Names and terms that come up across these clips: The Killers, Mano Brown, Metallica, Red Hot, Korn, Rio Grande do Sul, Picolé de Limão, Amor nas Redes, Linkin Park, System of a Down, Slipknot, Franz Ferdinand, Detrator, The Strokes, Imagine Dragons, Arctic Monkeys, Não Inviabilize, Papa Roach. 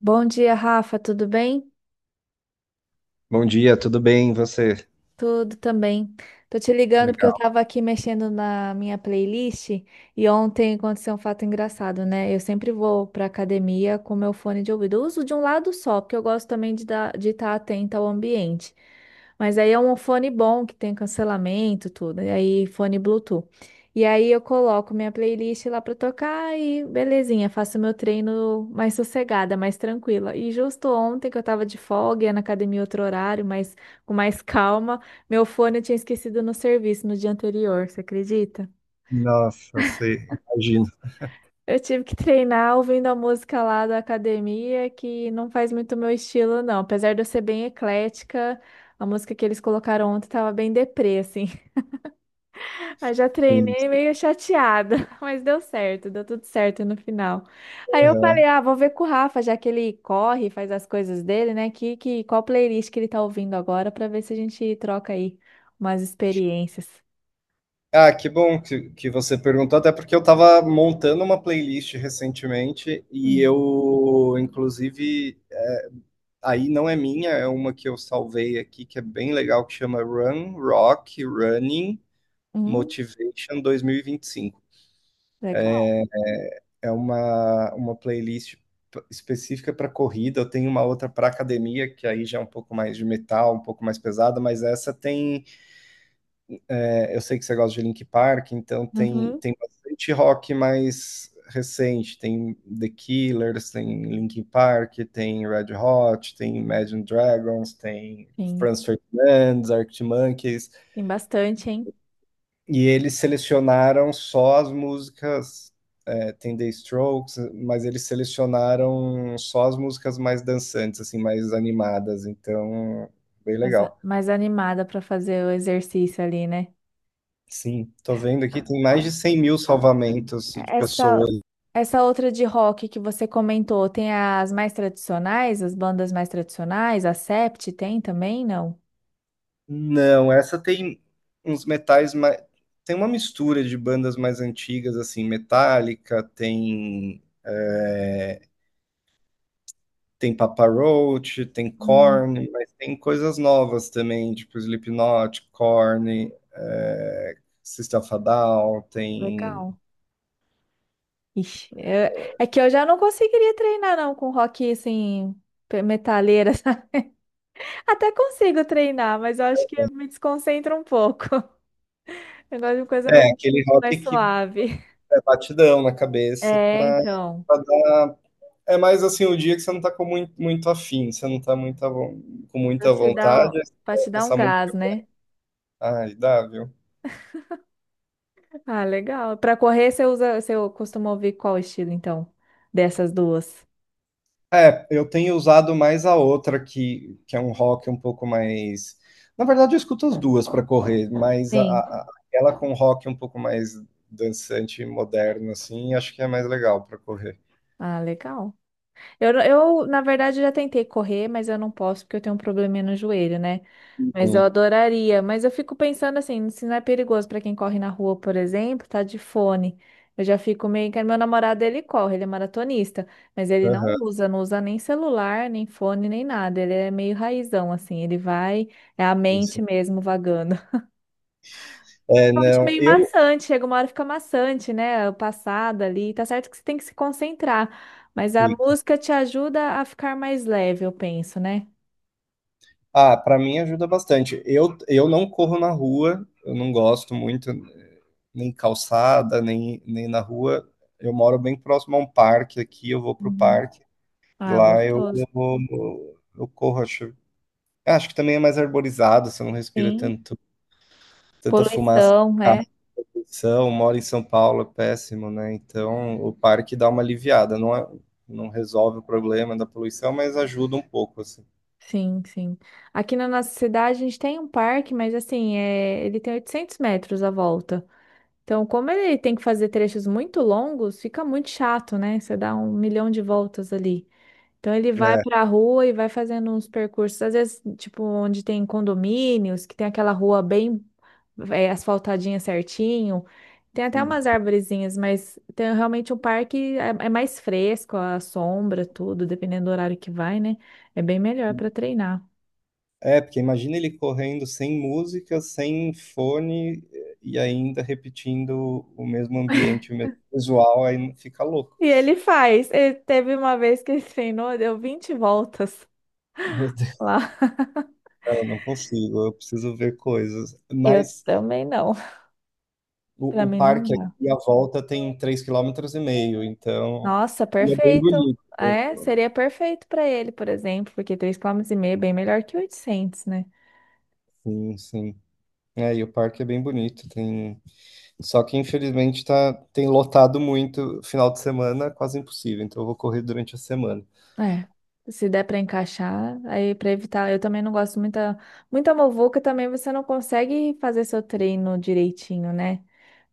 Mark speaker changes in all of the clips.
Speaker 1: Bom dia, Rafa, tudo bem?
Speaker 2: Bom dia, tudo bem? E você?
Speaker 1: Tudo também. Tô te ligando porque eu
Speaker 2: Legal.
Speaker 1: tava aqui mexendo na minha playlist e ontem aconteceu um fato engraçado, né? Eu sempre vou pra academia com meu fone de ouvido. Eu uso de um lado só, porque eu gosto também de dar, de estar atenta ao ambiente. Mas aí é um fone bom que tem cancelamento, tudo. E aí fone Bluetooth. E aí eu coloco minha playlist lá pra tocar e belezinha, faço meu treino mais sossegada, mais tranquila. E justo ontem que eu tava de folga, ia na academia outro horário, mas com mais calma. Meu fone eu tinha esquecido no serviço no dia anterior, você acredita?
Speaker 2: Nossa, você imagina.
Speaker 1: Eu tive que treinar ouvindo a música lá da academia, que não faz muito meu estilo, não. Apesar de eu ser bem eclética, a música que eles colocaram ontem tava bem deprê, assim. Aí já
Speaker 2: Sim.
Speaker 1: treinei meio chateada, mas deu certo, deu tudo certo no final. Aí eu falei,
Speaker 2: Aham.
Speaker 1: ah, vou ver com o Rafa, já que ele corre, faz as coisas dele, né? Qual playlist que ele tá ouvindo agora, pra ver se a gente troca aí umas experiências.
Speaker 2: Ah, que bom que você perguntou, até porque eu estava montando uma playlist recentemente e
Speaker 1: Hum,
Speaker 2: eu, inclusive, aí não é minha, é uma que eu salvei aqui, que é bem legal, que chama Run, Rock, Running,
Speaker 1: hum,
Speaker 2: Motivation 2025.
Speaker 1: legal.
Speaker 2: É uma playlist específica para corrida. Eu tenho uma outra para academia, que aí já é um pouco mais de metal, um pouco mais pesada, mas essa tem. Eu sei que você gosta de Linkin Park, então tem,
Speaker 1: Uhum.
Speaker 2: tem bastante rock mais recente. Tem The Killers, tem Linkin Park, tem Red Hot, tem Imagine Dragons, tem
Speaker 1: Sim,
Speaker 2: Franz Ferdinand, Arctic Monkeys.
Speaker 1: tem bastante, hein?
Speaker 2: E eles selecionaram só as músicas. É, tem The Strokes, mas eles selecionaram só as músicas mais dançantes, assim, mais animadas. Então, bem
Speaker 1: Mais,
Speaker 2: legal.
Speaker 1: mais animada para fazer o exercício ali, né?
Speaker 2: Sim, tô vendo aqui, tem mais de 100 mil salvamentos de
Speaker 1: Essa,
Speaker 2: pessoas.
Speaker 1: essa outra de rock que você comentou, tem as mais tradicionais, as bandas mais tradicionais, a Sept tem também, não?
Speaker 2: Não, essa tem uns metais mais. Tem uma mistura de bandas mais antigas, assim, Metallica, tem, tem Papa Roach, tem
Speaker 1: Hum,
Speaker 2: Korn, mas tem coisas novas também, tipo Slipknot, Korn, System of a Down, tem.
Speaker 1: legal. Ixi, é que eu já não conseguiria treinar não com rock assim, metaleira, sabe? Até consigo treinar, mas eu acho que me desconcentra um pouco. Eu gosto de coisa mais,
Speaker 2: É, aquele rock
Speaker 1: mais
Speaker 2: que
Speaker 1: suave.
Speaker 2: é batidão na cabeça
Speaker 1: É, então.
Speaker 2: pra dar. É mais assim o dia que você não tá com muito afim, você não tá muita, com
Speaker 1: Pra
Speaker 2: muita
Speaker 1: te dar,
Speaker 2: vontade, aí você
Speaker 1: pra te
Speaker 2: coloca
Speaker 1: dar um
Speaker 2: essa
Speaker 1: gás,
Speaker 2: música.
Speaker 1: né?
Speaker 2: Ai, dá, viu?
Speaker 1: Ah, legal. Pra correr, você usa, você costuma ouvir qual estilo, então? Dessas duas?
Speaker 2: É, eu tenho usado mais a outra, que é um rock um pouco mais. Na verdade, eu escuto as duas para correr, mas
Speaker 1: Sim.
Speaker 2: aquela com rock um pouco mais dançante e moderno, assim, acho que é mais legal para correr.
Speaker 1: Ah, legal. Na verdade, já tentei correr, mas eu não posso porque eu tenho um probleminha no joelho, né?
Speaker 2: Sim,
Speaker 1: Mas eu adoraria. Mas eu fico pensando assim, se não é perigoso para quem corre na rua, por exemplo, tá de fone. Eu já fico meio que meu namorado ele corre, ele é maratonista, mas ele não
Speaker 2: aham,
Speaker 1: usa, não usa nem celular, nem fone, nem nada. Ele é meio raizão assim, ele vai, é a mente
Speaker 2: isso.
Speaker 1: mesmo vagando.
Speaker 2: É,
Speaker 1: Eu acho
Speaker 2: não,
Speaker 1: meio
Speaker 2: eu.
Speaker 1: maçante, chega uma hora que fica maçante, né? O passado ali, tá certo que você tem que se concentrar, mas a
Speaker 2: Fica.
Speaker 1: música te ajuda a ficar mais leve, eu penso, né?
Speaker 2: Ah, para mim ajuda bastante. Eu não corro na rua, eu não gosto muito, nem calçada, nem na rua. Eu moro bem próximo a um parque aqui, eu vou pro
Speaker 1: Uhum.
Speaker 2: parque.
Speaker 1: Ah,
Speaker 2: Lá eu,
Speaker 1: gostoso.
Speaker 2: eu corro, acho, é, acho que também é mais arborizado, você não respira
Speaker 1: Sim.
Speaker 2: tanto, tanta fumaça de
Speaker 1: Poluição,
Speaker 2: carro,
Speaker 1: né.
Speaker 2: moro em São Paulo, é péssimo, né? Então o parque dá uma aliviada, não resolve o problema da poluição, mas ajuda um pouco, assim.
Speaker 1: Sim, sim. Aqui na nossa cidade a gente tem um parque, mas assim, é ele tem 800 metros à volta. Então, como ele tem que fazer trechos muito longos, fica muito chato, né? Você dá um milhão de voltas ali. Então ele vai
Speaker 2: É,
Speaker 1: pra rua e vai fazendo uns percursos, às vezes, tipo, onde tem condomínios, que tem aquela rua bem é, asfaltadinha certinho. Tem até
Speaker 2: sim.
Speaker 1: umas arvorezinhas, mas tem realmente o parque é, é mais fresco, a sombra, tudo, dependendo do horário que vai, né? É bem melhor para treinar.
Speaker 2: É, porque imagina ele correndo sem música, sem fone e ainda repetindo o mesmo ambiente, o mesmo visual, aí fica louco.
Speaker 1: E ele faz. Ele teve uma vez que ele treinou, deu 20 voltas
Speaker 2: Meu Deus,
Speaker 1: lá.
Speaker 2: não consigo, eu preciso ver coisas.
Speaker 1: Eu
Speaker 2: Mas
Speaker 1: também não.
Speaker 2: O,
Speaker 1: Pra
Speaker 2: o
Speaker 1: mim não.
Speaker 2: parque aqui à volta tem três quilômetros e meio, então
Speaker 1: Nossa,
Speaker 2: e é bem
Speaker 1: perfeito.
Speaker 2: bonito, né?
Speaker 1: É, seria perfeito para ele, por exemplo, porque 3,5 km é bem melhor que 800, né?
Speaker 2: Sim, sim. É, e o parque é bem bonito. Tem... Só que infelizmente tá... tem lotado muito final de semana, é quase impossível. Então eu vou correr durante a semana.
Speaker 1: É. Se der para encaixar, aí para evitar, eu também não gosto muita muita muvuca, também você não consegue fazer seu treino direitinho, né?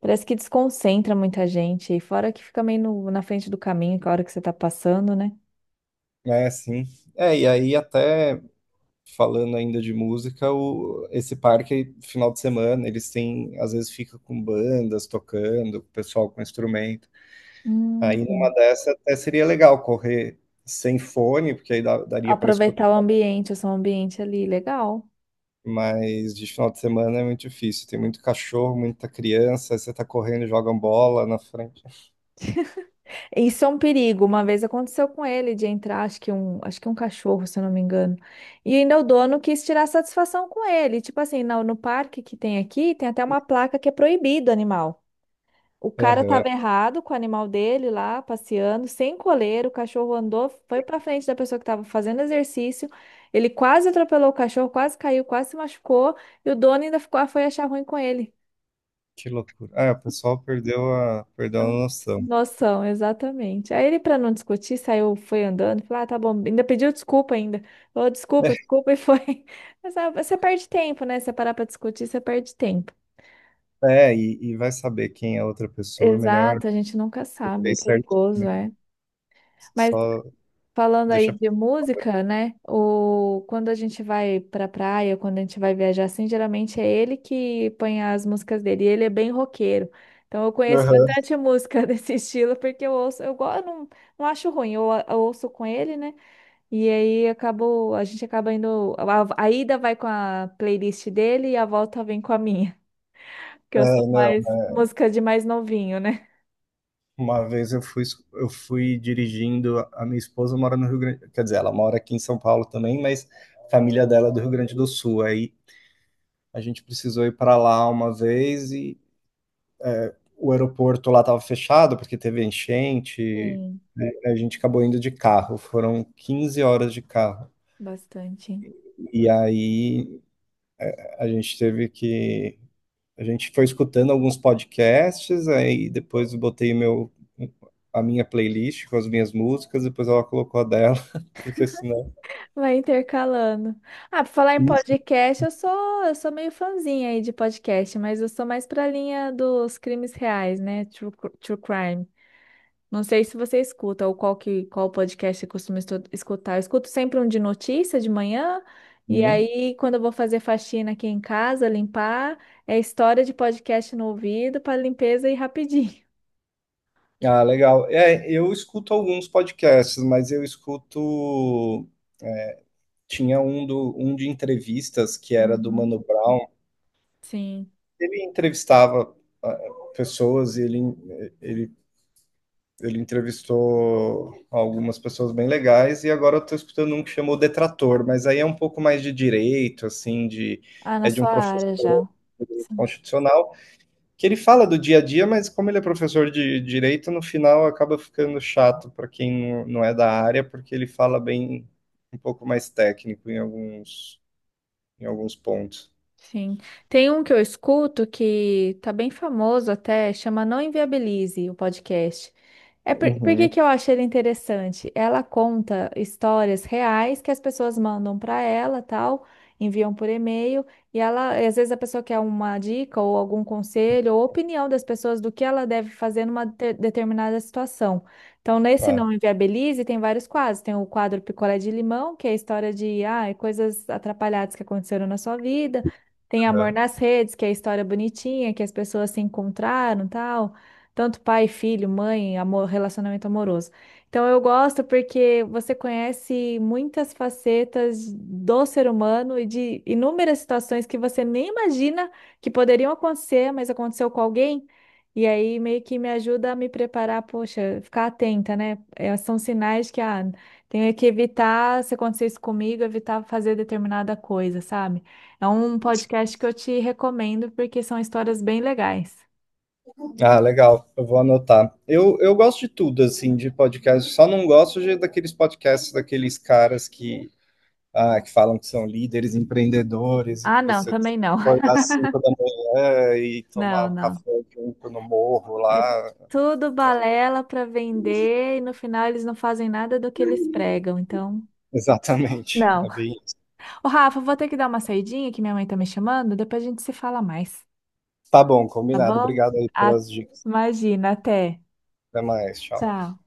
Speaker 1: Parece que desconcentra muita gente, e fora que fica meio na frente do caminho, que é a hora que você tá passando, né?
Speaker 2: É, sim. É, e aí até falando ainda de música, o... esse parque, final de semana, eles têm, às vezes fica com bandas tocando, o pessoal com instrumento. Aí numa
Speaker 1: Hum.
Speaker 2: dessa até seria legal correr sem fone, porque aí daria para escutar,
Speaker 1: Aproveitar o ambiente, o seu ambiente ali, legal.
Speaker 2: mas de final de semana é muito difícil. Tem muito cachorro, muita criança, aí você tá correndo, e jogam bola na frente.
Speaker 1: Isso é um perigo. Uma vez aconteceu com ele de entrar, acho que um cachorro, se eu não me engano. E ainda o dono quis tirar satisfação com ele. Tipo assim, no parque que tem aqui, tem até uma placa que é proibido animal. O cara
Speaker 2: Aham,
Speaker 1: tava errado com o animal dele lá, passeando, sem coleira. O cachorro andou, foi pra frente da pessoa que tava fazendo exercício. Ele quase atropelou o cachorro, quase caiu, quase se machucou. E o dono ainda ficou, foi achar ruim com ele.
Speaker 2: que loucura. Ah, o pessoal perdeu a noção.
Speaker 1: Noção, exatamente. Aí ele, para não discutir, saiu, foi andando, falou, ah, tá bom, ainda pediu desculpa ainda. Falou, desculpa, desculpa, e foi. Mas ah, você perde tempo, né? você parar para discutir, você perde tempo.
Speaker 2: É, e vai saber quem é a outra pessoa, é melhor,
Speaker 1: Exato, a gente nunca sabe, é
Speaker 2: fez certinho,
Speaker 1: perigoso,
Speaker 2: né?
Speaker 1: é. Mas
Speaker 2: Só
Speaker 1: falando aí
Speaker 2: deixa.
Speaker 1: de música, né? O Quando a gente vai pra praia, quando a gente vai viajar assim, geralmente é ele que põe as músicas dele, e ele é bem roqueiro. Então eu conheço
Speaker 2: Aham.
Speaker 1: bastante música desse estilo, porque eu ouço, eu, go- eu não, não acho ruim, eu ouço com ele, né? E aí acabou, a gente acaba indo. A ida vai com a playlist dele e a volta vem com a minha. Que
Speaker 2: É,
Speaker 1: eu sou
Speaker 2: não.
Speaker 1: mais música de mais novinho, né?
Speaker 2: Uma vez eu fui dirigindo, a minha esposa mora no Rio Grande, quer dizer, ela mora aqui em São Paulo também, mas a família dela é do Rio Grande do Sul. Aí a gente precisou ir para lá uma vez e o aeroporto lá estava fechado porque teve enchente.
Speaker 1: Sim,
Speaker 2: A gente acabou indo de carro, foram 15 horas de carro.
Speaker 1: bastante.
Speaker 2: E aí a gente teve que a gente foi escutando alguns podcasts, aí depois eu botei a minha playlist com as minhas músicas, depois ela colocou a dela, porque senão.
Speaker 1: Vai intercalando. Ah, pra falar em podcast, eu sou meio fãzinha aí de podcast, mas eu sou mais pra linha dos crimes reais, né? True crime. Não sei se você escuta ou qual podcast você costuma escutar. Eu escuto sempre um de notícia de manhã, e
Speaker 2: Uhum.
Speaker 1: aí quando eu vou fazer faxina aqui em casa, limpar, é história de podcast no ouvido para limpeza e rapidinho.
Speaker 2: Ah, legal. É, eu escuto alguns podcasts, mas eu escuto. Tinha um de entrevistas que era do Mano
Speaker 1: Uhum.
Speaker 2: Brown.
Speaker 1: Sim.
Speaker 2: Ele entrevistava ah, pessoas, e ele ele entrevistou algumas pessoas bem legais e agora eu tô escutando um que chamou Detrator, mas aí é um pouco mais de direito, assim, de.
Speaker 1: Ah, na
Speaker 2: É de um
Speaker 1: sua
Speaker 2: professor
Speaker 1: área já.
Speaker 2: de direito
Speaker 1: Sim.
Speaker 2: constitucional, que ele fala do dia a dia, mas como ele é professor de direito, no final acaba ficando chato para quem não é da área, porque ele fala bem um pouco mais técnico em alguns pontos.
Speaker 1: Sim. Tem um que eu escuto que tá bem famoso até, chama Não Inviabilize, o podcast. É por
Speaker 2: Uhum,
Speaker 1: que que eu acho ele interessante? Ela conta histórias reais que as pessoas mandam para ela, tal, enviam por e-mail, e ela, às vezes a pessoa quer uma dica ou algum conselho ou opinião das pessoas do que ela deve fazer numa determinada situação. Então, nesse
Speaker 2: tá.
Speaker 1: Não Inviabilize tem vários quadros. Tem o quadro Picolé de Limão, que é a história de ah, coisas atrapalhadas que aconteceram na sua vida. Tem Amor nas Redes, que é a história bonitinha, que as pessoas se encontraram, tal, tanto pai, filho, mãe, amor, relacionamento amoroso. Então eu gosto porque você conhece muitas facetas do ser humano e de inúmeras situações que você nem imagina que poderiam acontecer, mas aconteceu com alguém. E aí meio que me ajuda a me preparar, poxa, ficar atenta, né? É, são sinais que ah, tenho que evitar, se acontecer isso comigo, evitar fazer determinada coisa, sabe? É um podcast que eu te recomendo porque são histórias bem legais.
Speaker 2: Ah, legal, eu vou anotar. Eu gosto de tudo, assim, de podcast, só não gosto daqueles podcasts daqueles caras que, ah, que falam que são líderes, empreendedores, e
Speaker 1: Ah,
Speaker 2: que
Speaker 1: não,
Speaker 2: você tem
Speaker 1: também
Speaker 2: que
Speaker 1: não.
Speaker 2: acordar às 5 da manhã e tomar
Speaker 1: Não,
Speaker 2: o
Speaker 1: não.
Speaker 2: café junto no morro
Speaker 1: É
Speaker 2: lá.
Speaker 1: tudo balela para vender e no final eles não fazem nada do que eles pregam, então.
Speaker 2: Exatamente,
Speaker 1: Não.
Speaker 2: é bem isso.
Speaker 1: Ô, Rafa, vou ter que dar uma saidinha que minha mãe tá me chamando, depois a gente se fala mais,
Speaker 2: Tá bom,
Speaker 1: tá
Speaker 2: combinado.
Speaker 1: bom?
Speaker 2: Obrigado aí
Speaker 1: A-
Speaker 2: pelas dicas.
Speaker 1: Imagina, até.
Speaker 2: Até mais, tchau.
Speaker 1: Tchau.